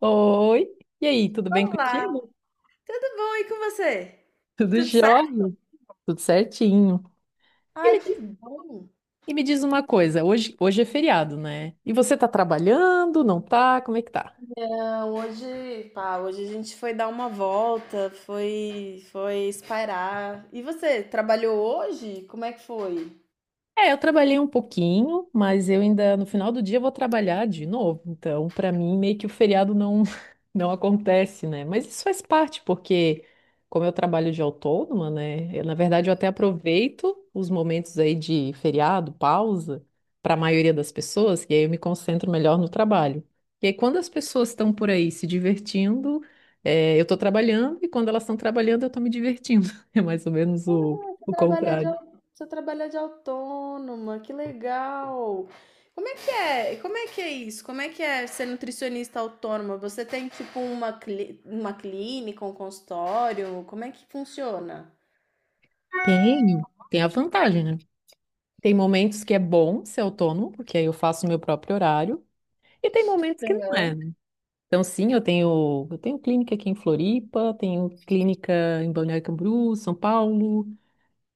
Oi, e aí, tudo bem Olá, contigo? tudo bom e com você? Tudo Tudo certo? jóia, tudo certinho. E Ai, me que diz, bom. e me diz uma coisa, hoje é feriado, né? E você tá trabalhando, não tá? Como é que tá? Não, hoje, pá, hoje a gente foi dar uma volta, foi espairar. E você, trabalhou hoje? Como é que foi? É, eu trabalhei um pouquinho, mas eu ainda no final do dia eu vou trabalhar de novo. Então, para mim, meio que o feriado não não acontece, né? Mas isso faz parte, porque como eu trabalho de autônoma, né? eu, na verdade, eu até aproveito os momentos aí de feriado, pausa, para a maioria das pessoas, e aí eu me concentro melhor no trabalho. E aí, quando as pessoas estão por aí se divertindo, eu estou trabalhando, e quando elas estão trabalhando, eu estou me divertindo. É mais ou menos o, Você o trabalha de, contrário. Você trabalha de autônoma, que legal. Como é que é? Como é que é isso? Como é que é ser nutricionista autônoma? Você tem tipo uma, uma clínica, um consultório? Como é que funciona? Tem, tem a vantagem, né? Tem momentos que é bom ser autônomo, porque aí eu faço o meu próprio horário, e tem momentos que não é, né? Então, sim, eu tenho clínica aqui em Floripa, tenho clínica em Balneário Camboriú, São Paulo,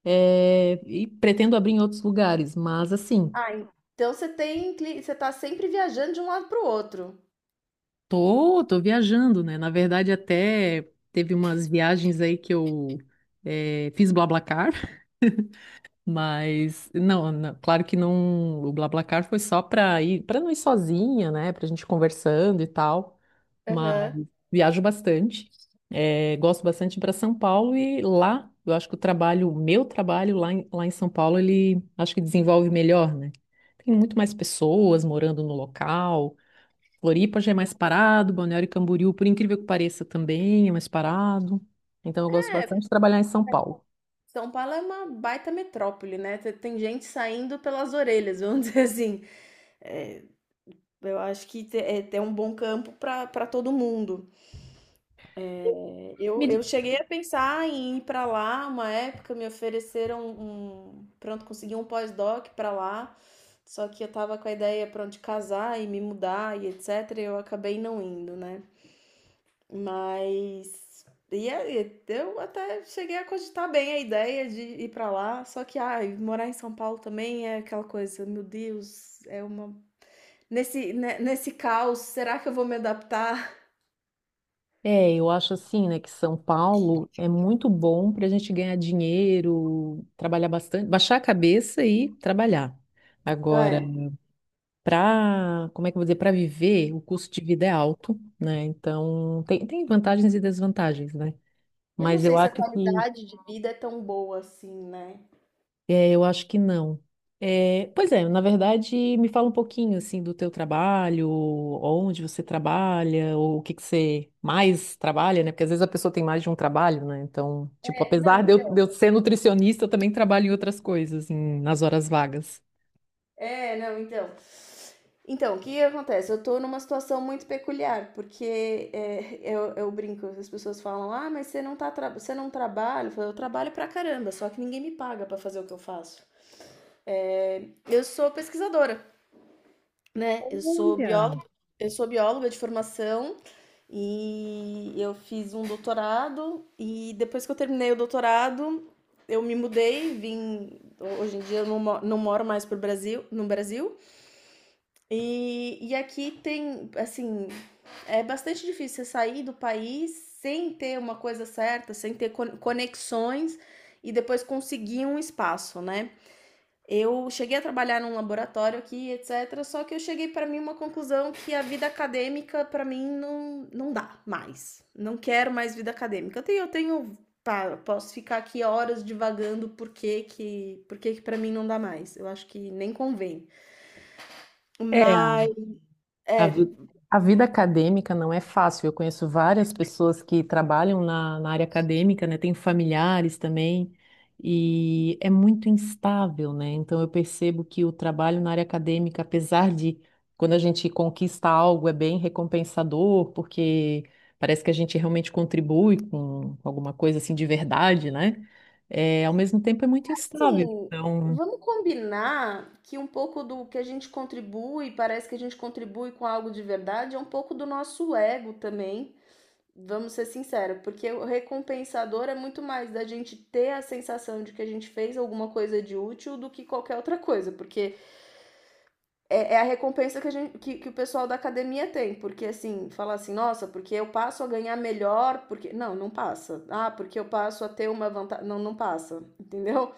e pretendo abrir em outros lugares, mas assim, Ah, então você tem, você tá sempre viajando de um lado pro outro. tô viajando, né? Na verdade, até teve umas viagens aí que eu fiz BlaBlaCar. Mas não, não, claro que não, o BlaBlaCar foi só para ir, para não ir sozinha, né, pra gente conversando e tal. Mas Aham. viajo bastante. Gosto bastante para São Paulo e lá, eu acho que o trabalho, o meu trabalho lá em São Paulo, ele acho que desenvolve melhor, né? Tem muito mais pessoas morando no local. Floripa já é mais parado, Balneário Camboriú, por incrível que pareça, também é mais parado. Então eu gosto bastante de trabalhar em São Paulo. São Paulo é uma baita metrópole, né? Tem gente saindo pelas orelhas, vamos dizer assim. É, eu acho que é, tem um bom campo para para todo mundo. É, eu cheguei a pensar em ir para lá uma época, me ofereceram um. Pronto, consegui um pós-doc para lá. Só que eu tava com a ideia, pronto, de casar e me mudar e etc. E eu acabei não indo, né? Mas e aí, eu até cheguei a cogitar bem a ideia de ir pra lá, só que ai, morar em São Paulo também é aquela coisa, meu Deus, é uma nesse caos, será que eu vou me adaptar? É, eu acho assim, né, que São Paulo é muito bom para a gente ganhar dinheiro, trabalhar bastante, baixar a cabeça e trabalhar. Agora, É. para, como é que eu vou dizer, para viver, o custo de vida é alto, né? Então, tem, tem vantagens e desvantagens, né? Eu não Mas eu sei se acho a que… qualidade de vida é tão boa assim, né? É, eu acho que não. É, pois é, na verdade, me fala um pouquinho assim do teu trabalho, onde você trabalha, ou o que que você mais trabalha, né? Porque às vezes a pessoa tem mais de um trabalho, né? Então, tipo, É, não. apesar de eu ser nutricionista, eu também trabalho em outras coisas, em- nas horas vagas. É, não, então. Então, o que acontece? Eu tô numa situação muito peculiar, porque é, eu brinco, as pessoas falam, ah, mas você não, tá tra você não trabalha? Eu, falo, eu trabalho pra caramba, só que ninguém me paga pra fazer o que eu faço. Eu sou pesquisadora, né? Olha, Eu sou bióloga de formação e eu fiz um doutorado e depois que eu terminei o doutorado, eu me mudei, vim. Hoje em dia eu não moro mais pro Brasil, no Brasil. E aqui tem, assim, é bastante difícil você sair do país sem ter uma coisa certa, sem ter conexões e depois conseguir um espaço, né? Eu cheguei a trabalhar num laboratório aqui, etc. Só que eu cheguei para mim uma conclusão que a vida acadêmica para mim não dá mais. Não quero mais vida acadêmica. Eu tenho, pá, eu posso ficar aqui horas divagando por que que para mim não dá mais. Eu acho que nem convém. é, Mas a, é. vi- a vida acadêmica não é fácil. Eu conheço várias pessoas que trabalham na, na área acadêmica, né? Tenho familiares também, e é muito instável, né? Então eu percebo que o trabalho na área acadêmica, apesar de quando a gente conquista algo, é bem recompensador, porque parece que a gente realmente contribui com alguma coisa assim de verdade, né? É, ao mesmo tempo é muito instável. Assim, Então. vamos combinar que um pouco do que a gente contribui, parece que a gente contribui com algo de verdade, é um pouco do nosso ego também. Vamos ser sinceros, porque o recompensador é muito mais da gente ter a sensação de que a gente fez alguma coisa de útil do que qualquer outra coisa, porque é, é a recompensa que, a gente, que o pessoal da academia tem, porque assim, falar assim, nossa, porque eu passo a ganhar melhor, porque. Não passa. Ah, porque eu passo a ter uma vantagem. Não passa, entendeu?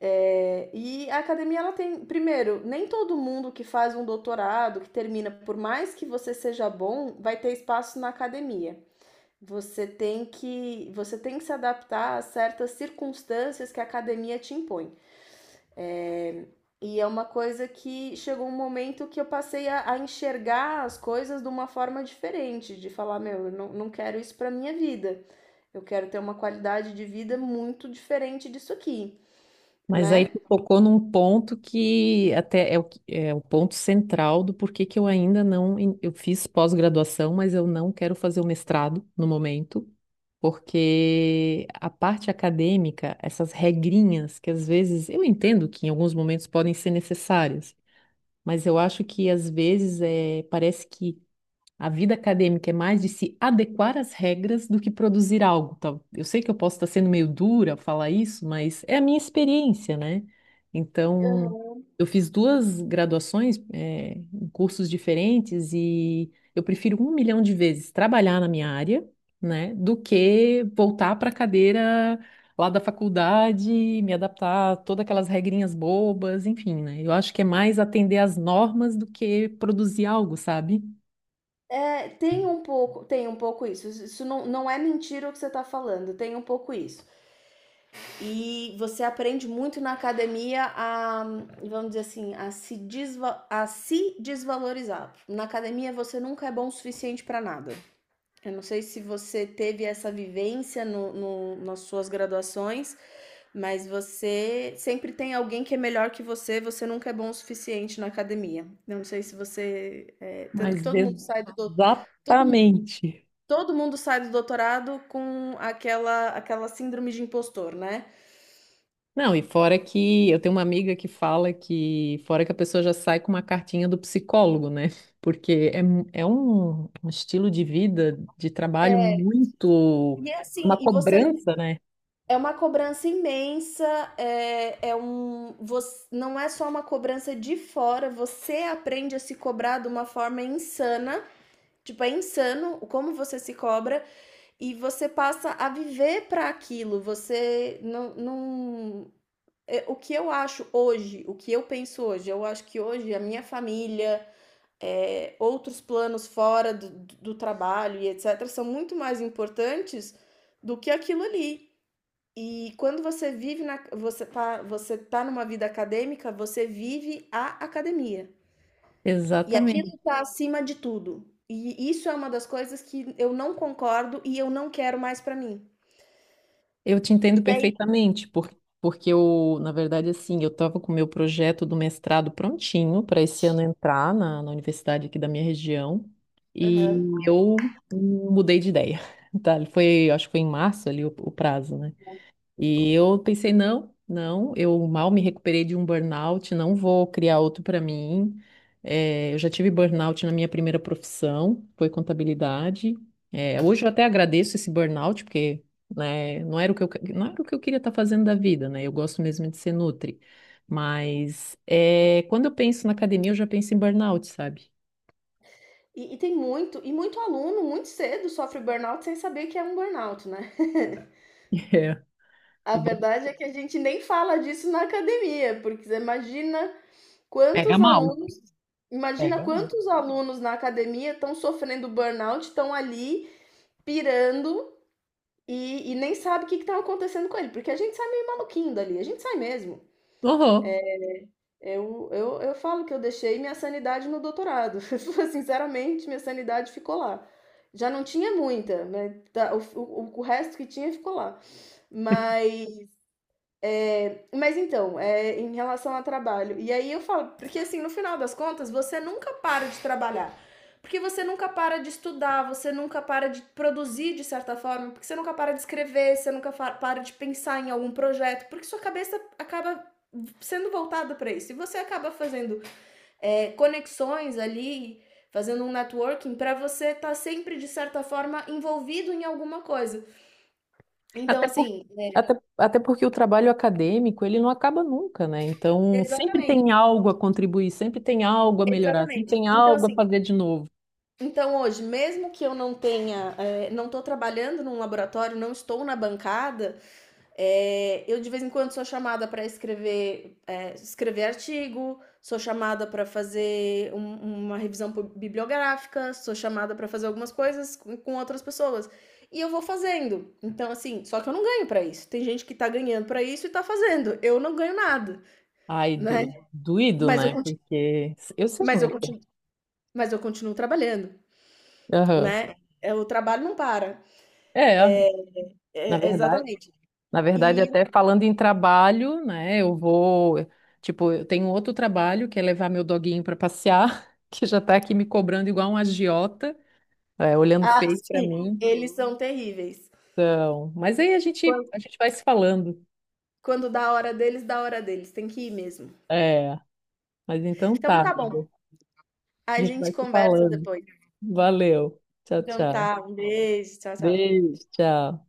É, e a academia, ela tem, primeiro, nem todo mundo que faz um doutorado, que termina, por mais que você seja bom, vai ter espaço na academia. Você tem que se adaptar a certas circunstâncias que a academia te impõe. E é uma coisa que chegou um momento que eu passei a enxergar as coisas de uma forma diferente, de falar, meu, eu não quero isso para minha vida. Eu quero ter uma qualidade de vida muito diferente disso aqui, Mas aí né? tu tocou num ponto que até é o, que- é o ponto central do porquê que eu ainda não. en- Eu fiz pós-graduação, mas eu não quero fazer o mestrado no momento, porque a parte acadêmica, essas regrinhas que às vezes eu entendo que em alguns momentos podem ser necessárias, mas eu acho que às vezes parece que a vida acadêmica é mais de se adequar às regras do que produzir algo. Tá? Eu sei que eu posso estar sendo meio dura ao falar isso, mas é a minha experiência, né? Então, eu fiz duas graduações, em cursos diferentes e eu prefiro um milhão de vezes trabalhar na minha área, né, do que voltar para a cadeira lá da faculdade, me adaptar a todas aquelas regrinhas bobas, enfim, né? Eu acho que é mais atender às normas do que produzir algo, sabe? É, tem um pouco isso. Isso isso não é mentira o que você está falando, tem um pouco isso. E você aprende muito na academia a, vamos dizer assim, a se desvalorizar. Na academia você nunca é bom o suficiente para nada. Eu não sei se você teve essa vivência no, nas suas graduações, mas você sempre tem alguém que é melhor que você, você nunca é bom o suficiente na academia. Eu não sei se você. É, tanto Mas que todo mundo sai do, todo exatamente. Todo mundo sai do doutorado com aquela síndrome de impostor, né. Não, e fora que eu tenho uma amiga que fala que, fora que a pessoa já sai com uma cartinha do psicólogo, né? Porque é, mu- é um estilo de vida, de trabalho É, muito, e é assim, uma e você não cobrança, né? é uma cobrança imensa, é é um você não é só uma cobrança de fora, você aprende a se cobrar de uma forma insana, tipo, é insano como você se cobra e você passa a viver para aquilo, você não não o que eu acho hoje, o que eu penso hoje, eu acho que hoje a minha família, é, outros planos fora do, do trabalho e etc., são muito mais importantes do que aquilo ali. E quando você vive na, você tá numa vida acadêmica, você vive a academia. E aquilo Exatamente. está acima de tudo. E isso é uma das coisas que eu não concordo e eu não quero mais para mim. Eu te entendo E aí. perfeitamente, por- porque eu, na verdade, assim, eu estava com o meu projeto do mestrado prontinho para esse ano entrar na, na universidade aqui da minha região Aham. e eu mudei de ideia, tá? Foi, acho que foi em março ali o prazo, né? E eu pensei, não, não, eu mal me recuperei de um burnout, não vou criar outro para mim. Eu já tive burnout na minha primeira profissão, foi contabilidade. Hoje eu até agradeço esse burnout, porque, né, não era o que eu, que- não era o que eu queria estar fazendo da vida, né? Eu gosto mesmo de ser nutri. Mas quando eu penso na academia, eu já penso em burnout, sabe? E, e tem muito, e muito aluno, muito cedo, sofre burnout sem saber que é um burnout, né? É, A o bur- verdade é que a gente nem fala disso na academia, porque você Pega quantos mal. alunos, imagina Pega mal. quantos alunos na academia estão sofrendo burnout, estão ali pirando e nem sabe o que está acontecendo com ele, porque a gente sai meio maluquinho dali, a gente sai mesmo. Uhum. Eu falo que eu deixei minha sanidade no doutorado. Sinceramente, minha sanidade ficou lá. Já não tinha muita, né? Tá. O resto que tinha ficou lá. Mas Mas então, é, em relação ao trabalho. E aí eu falo, porque assim, no final das contas, você nunca para de trabalhar. Porque você nunca para de estudar, você nunca para de produzir de certa forma, porque você nunca para de escrever, você nunca para de pensar em algum projeto, porque sua cabeça acaba sendo voltada para isso. E você acaba fazendo conexões ali, fazendo um networking para você estar tá sempre, de certa forma, envolvido em alguma coisa. Então, Até por, assim, é, até até porque o trabalho acadêmico, ele não acaba nunca, né? Então, sempre exatamente, tem algo a contribuir, sempre tem algo a melhorar, sempre exatamente. tem Então, algo a assim, fazer de novo. então hoje, mesmo que eu não tenha, é, não estou trabalhando num laboratório, não estou na bancada, é, eu de vez em quando sou chamada para escrever, é, escrever artigo, sou chamada para fazer uma revisão bibliográfica, sou chamada para fazer algumas coisas com outras pessoas. E eu vou fazendo. Então, assim, só que eu não ganho para isso. Tem gente que tá ganhando para isso e tá fazendo. Eu não ganho nada, Ai, né? do, doído, Mas né? Porque eu sei mas como é que continuo, mas eu continuo trabalhando, é. Aham. né? É, o trabalho não para. É, na É, verdade, exatamente. E até falando em trabalho, né? Eu vou, tipo, eu tenho outro trabalho que é levar meu doguinho para passear, que já tá aqui me cobrando igual um agiota, é, olhando ah, feio para sim, mim. eles são terríveis. Então, mas aí Quan a gente vai se falando. Quando dá a hora deles, dá a hora deles, tem que ir mesmo. É, mas então Então tá, tá bom, amiga. A a gente vai gente se conversa falando. depois. Valeu. Tchau, Então tchau. tá, um beijo, tchau, tchau. Beijo, tchau.